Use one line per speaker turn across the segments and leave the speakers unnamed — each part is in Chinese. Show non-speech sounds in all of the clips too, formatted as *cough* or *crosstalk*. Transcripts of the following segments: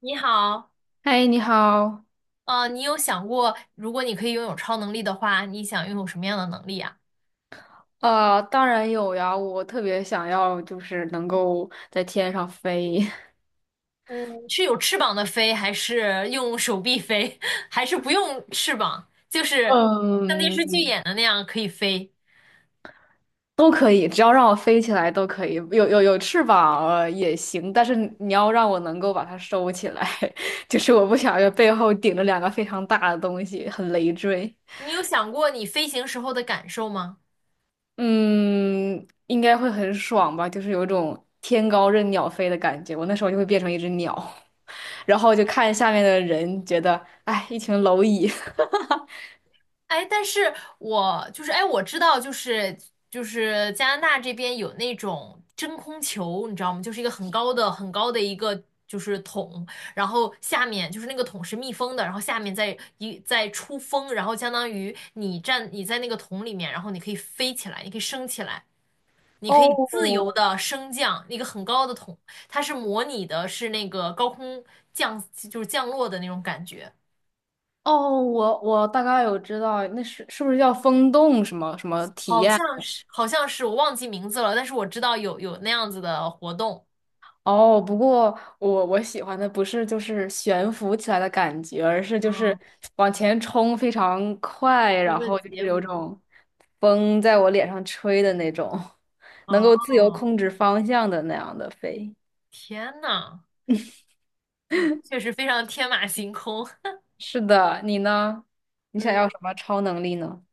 你好，
嗨，你好。
你有想过，如果你可以拥有超能力的话，你想拥有什么样的能力啊？
当然有呀，我特别想要，就是能够在天上飞。*laughs*
嗯，是有翅膀的飞，还是用手臂飞，*laughs* 还是不用翅膀，就是像电视剧
嗯，
演的那样可以飞？
都可以，只要让我飞起来都可以。有翅膀，也行，但是你要让我能够把它收起来，*laughs* 就是我不想要背后顶着两个非常大的东西，很累赘。
你有想过你飞行时候的感受吗？
嗯，应该会很爽吧，就是有一种天高任鸟飞的感觉。我那时候就会变成一只鸟，*laughs* 然后就看下面的人，觉得，哎，一群蝼蚁。
哎，但是我就是哎，我知道，就是加拿大这边有那种真空球，你知道吗？就是一个很高的一个就是桶，然后下面就是那个桶是密封的，然后下面再出风，然后相当于你在那个桶里面，然后你可以飞起来，你可以升起来，你可以自由
哦
的升降一个很高的桶，它是模拟的是那个高空降就是降落的那种感觉。
哦，我大概有知道，那是是不是叫风洞什么什么体
好
验？
像是，好像是，我忘记名字了，但是我知道有那样子的活动。
哦，不过我喜欢的不是就是悬浮起来的感觉，而是就是
嗯，
往前冲非常快，
不同
然
的
后就是
结
有
果。
种风在我脸上吹的那种，能
哦，
够自由控制方向的那样的飞。
天呐，嗯，确实非常天马行空。*laughs*
是的，你呢？你想
嗯，
要什么超能力呢？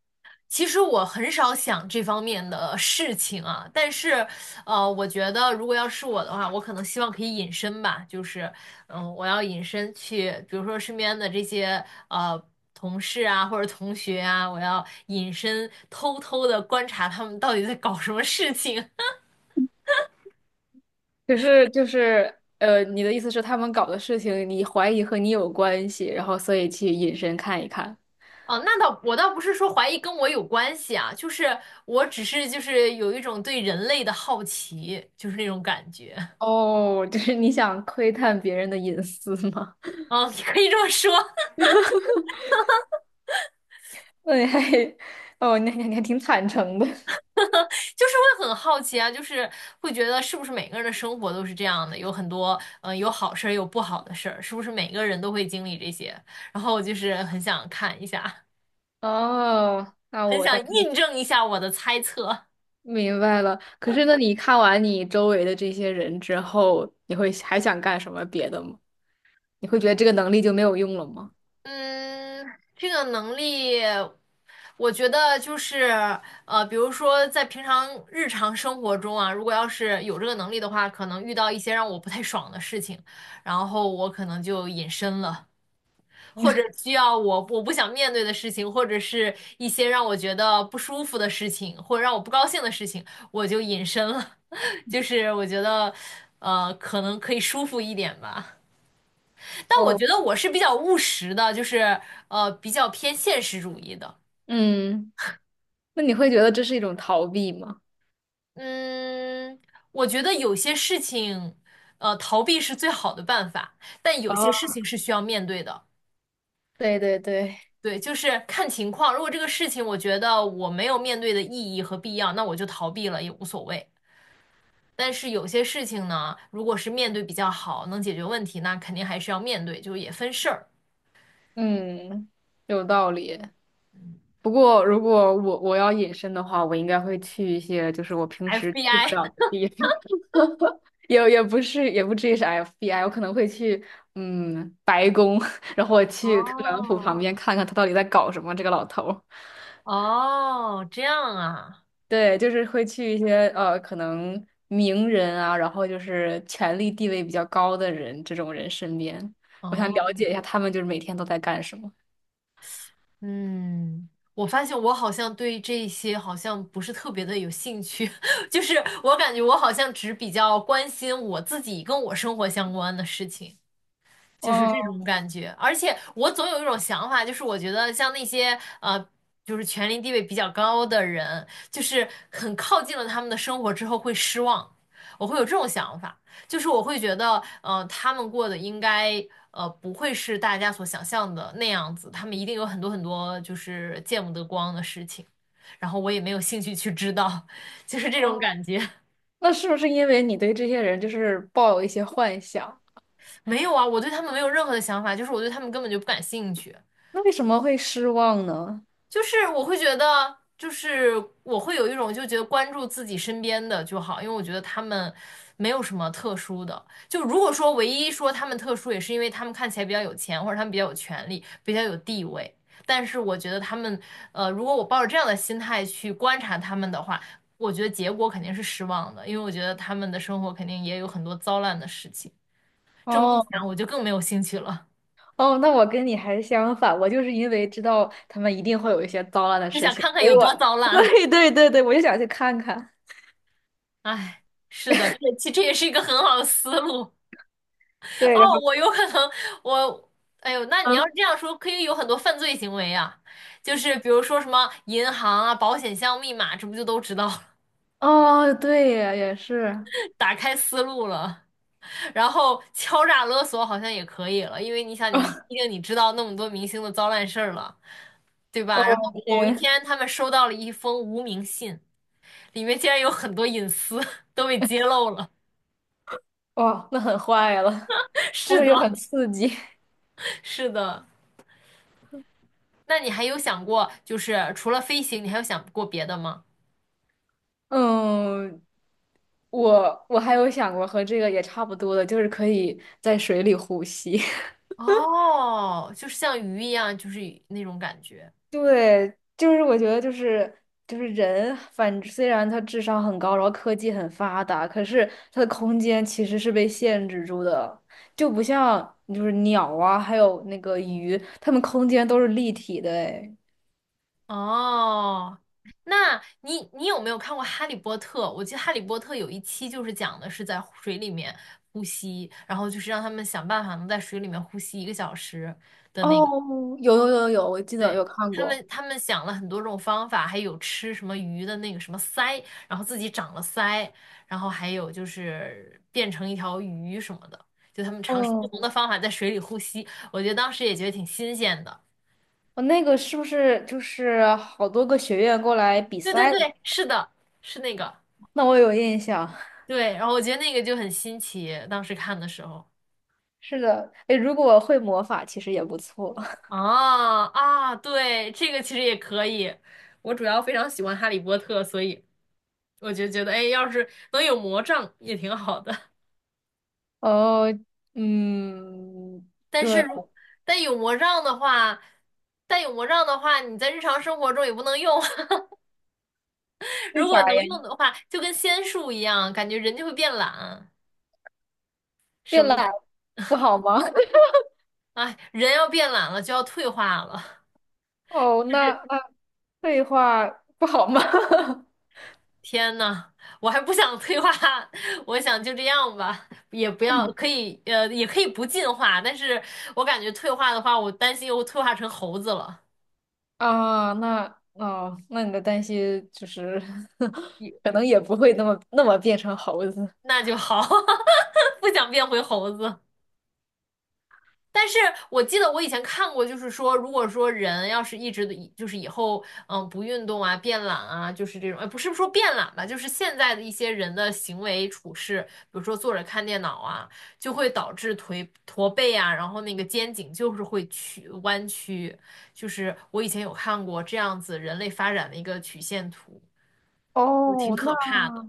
其实我很少想这方面的事情啊，但是，我觉得如果要是我的话，我可能希望可以隐身吧，就是，嗯，我要隐身去，比如说身边的这些同事啊或者同学啊，我要隐身偷偷的观察他们到底在搞什么事情。*laughs*
可是就是你的意思是他们搞的事情，你怀疑和你有关系，然后所以去隐身看一看。
啊。那倒不是说怀疑跟我有关系啊，就是我只是就是有一种对人类的好奇，就是那种感觉。
哦，*laughs* 就是你想窥探别人的隐私吗？
嗯，你可以这么说。
*laughs* 那你还，哦，那你还挺坦诚的。
就是会很好奇啊，就是会觉得是不是每个人的生活都是这样的，有很多有好事儿，有不好的事儿，是不是每个人都会经历这些？然后我就是很想看一下，
哦，
*laughs*
那
很
我
想
大概
印证一下我的猜测。
明白了。可是，那你看完你周围的这些人之后，你会还想干什么别的吗？你会觉得这个能力就没有用了吗？
嗯，这个能力，我觉得就是比如说在平常日常生活中啊，如果要是有这个能力的话，可能遇到一些让我不太爽的事情，然后我可能就隐身了。或者需要我不想面对的事情，或者是一些让我觉得不舒服的事情，或者让我不高兴的事情，我就隐身了。*laughs* 就是我觉得，可能可以舒服一点吧。但我
哦，
觉得我是比较务实的，就是比较偏现实主义的。
嗯，那你会觉得这是一种逃避吗？
嗯，我觉得有些事情，逃避是最好的办法，但有些事
哦，
情是需要面对的。
对对对。
对，就是看情况。如果这个事情我觉得我没有面对的意义和必要，那我就逃避了也无所谓。但是有些事情呢，如果是面对比较好，能解决问题，那肯定还是要面对，就也分事儿。
嗯，有道理。不过，如果我要隐身的话，我应该会去一些就是我平时去不
FBI，
了的地方，*laughs* 也不是也不至于是 FBI,我可能会去嗯白宫，*laughs* 然后我
*laughs*
去特朗普旁
哦
边看看他到底在搞什么，这个老头儿
哦，这样啊，
对，就是会去一些可能名人啊，然后就是权力地位比较高的人这种人身边，我想了
哦，
解一下他们就是每天都在干什么。
嗯，我发现我好像对这些好像不是特别的有兴趣，*laughs* 就是我感觉我好像只比较关心我自己跟我生活相关的事情。就是这
哦
种感觉。而且我总有一种想法，就是我觉得像那些就是权力地位比较高的人，就是很靠近了他们的生活之后会失望，我会有这种想法，就是我会觉得，他们过的应该。不会是大家所想象的那样子，他们一定有很多很多就是见不得光的事情，然后我也没有兴趣去知道，*laughs* 就是这种
哦
感觉。
那是不是因为你对这些人就是抱有一些幻想？
没有啊，我对他们没有任何的想法，就是我对他们根本就不感兴趣。
那为什么会失望呢？
就是我会觉得，就是我会有一种就觉得关注自己身边的就好，因为我觉得他们没有什么特殊的。就如果说唯一说他们特殊，也是因为他们看起来比较有钱，或者他们比较有权利，比较有地位。但是我觉得他们，如果我抱着这样的心态去观察他们的话，我觉得结果肯定是失望的，因为我觉得他们的生活肯定也有很多糟烂的事情。这么一
哦
想，我就更没有兴趣了，
哦，那我跟你还相反，我就是因为知道他们一定会有一些糟烂的
就
事
想
情，
看看
所
有
以我
多糟
*laughs*
烂。
对对对对，我就想去看看。
哎，是的，这其实这也是一个很好的思路。
对，然
哦，
后
我有可能，我，哎呦，那你要是
嗯，
这样说，可以有很多犯罪行为呀。就是比如说什么银行啊、保险箱密码，这不就都知道了？
哦，对耶，也是，
*laughs* 打开思路了，然后敲诈勒索好像也可以了，因为你想你，毕竟你知道那么多明星的糟烂事儿了，对吧？
哦
然后某一
天，
天他们收到了一封无名信，里面竟然有很多隐私 *laughs* 都被揭露了。
哇，那很坏了，
*laughs*
但
是
是
的，
又很刺激。
是的。那你还有想过，就是除了飞行，你还有想过别的吗？
嗯，我还有想过和这个也差不多的，就是可以在水里呼吸。*laughs*
哦，就是像鱼一样，就是那种感觉。
对，就是我觉得就是就是人，反虽然他智商很高，然后科技很发达，可是他的空间其实是被限制住的，就不像就是鸟啊，还有那个鱼，它们空间都是立体的诶。
哦，那你有没有看过《哈利波特》？我记得《哈利波特》有一期就是讲的是在水里面呼吸，然后就是让他们想办法能在水里面呼吸一个小时的那
哦，
个。
有，我记得
对，
有看过。
他们想了很多种方法，还有吃什么鱼的那个什么鳃，然后自己长了鳃，然后还有就是变成一条鱼什么的，就他们尝试不同
哦，
的方法在水里呼吸，我觉得当时也觉得挺新鲜的。
我那个是不是就是好多个学院过来比
对对
赛的？
对，是的，是那个，
那我有印象。*laughs*
对，然后我觉得那个就很新奇，当时看的时候。
是的，哎，如果会魔法，其实也不错。
啊啊，对，这个其实也可以。我主要非常喜欢《哈利波特》，所以我就觉得，哎，要是能有魔杖也挺好的。
哦，嗯，
但是
对，
如但有魔杖的话，你在日常生活中也不能用。*laughs*
为
如果
啥
能
呀？
用的话，就跟仙术一样，感觉人就会变懒。什
变
么？
懒不好吗？*laughs*
哎，人要变懒了，就要退化了。
哦，那那废话不好吗？*laughs*
天呐，我还不想退化，*laughs* 我想就这样吧，也不要可以，也可以不进化。但是我感觉退化的话，我担心又退化成猴子了，
啊，那哦，那你的担心就是，*laughs*
也
可能也不会那么变成猴子。
那就好，*laughs* 不想变回猴子。但是我记得我以前看过，就是说，如果说人要是一直的，就是以后不运动啊、变懒啊，就是这种，不是说变懒吧，就是现在的一些人的行为处事，比如说坐着看电脑啊，就会导致腿驼背啊，然后那个肩颈就是弯曲，就是我以前有看过这样子人类发展的一个曲线图，就挺
哦，那
可怕的。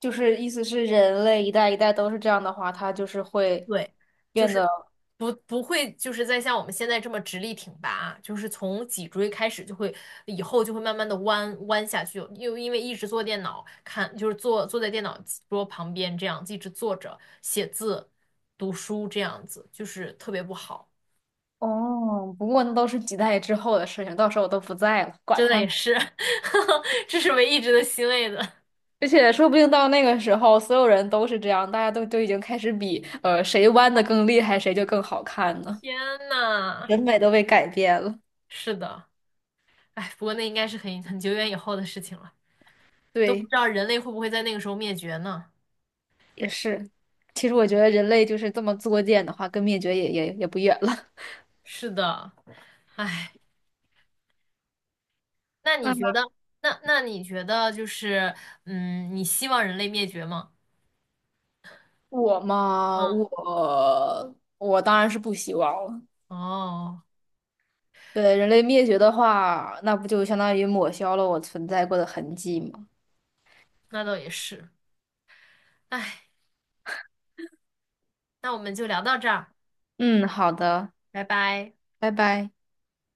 就是意思是人类一代一代都是这样的话，它就是会
对，就
变得
是不会就是再像我们现在这么直立挺拔啊，就是从脊椎开始就会，以后就会慢慢的弯下去，又因为一直坐电脑看，就是坐在电脑桌旁边这样一直坐着写字、读书这样子，就是特别不好，
哦。不过那都是几代之后的事情，到时候我都不在了，管
真的也
他。
是，*laughs* 这是唯一值得欣慰的。
而且说不定到那个时候，所有人都是这样，大家都已经开始比，谁弯的更厉害，谁就更好看呢？
天呐，
审美都被改变了。
是的，哎，不过那应该是很久远以后的事情了，都不
对，
知道人类会不会在那个时候灭绝呢？
也是。其实我觉得人类就是这么作贱的话，跟灭绝也不远了。
是的。那你
*laughs*
觉得，
那
那你觉得就是，嗯，你希望人类灭绝吗？
我嘛，
嗯，
我当然是不希望了。
哦，
对，人类灭绝的话，那不就相当于抹消了我存在过的痕迹吗？
那倒也是。哎，那我们就聊到这儿，
嗯，好的，
拜拜。
拜拜。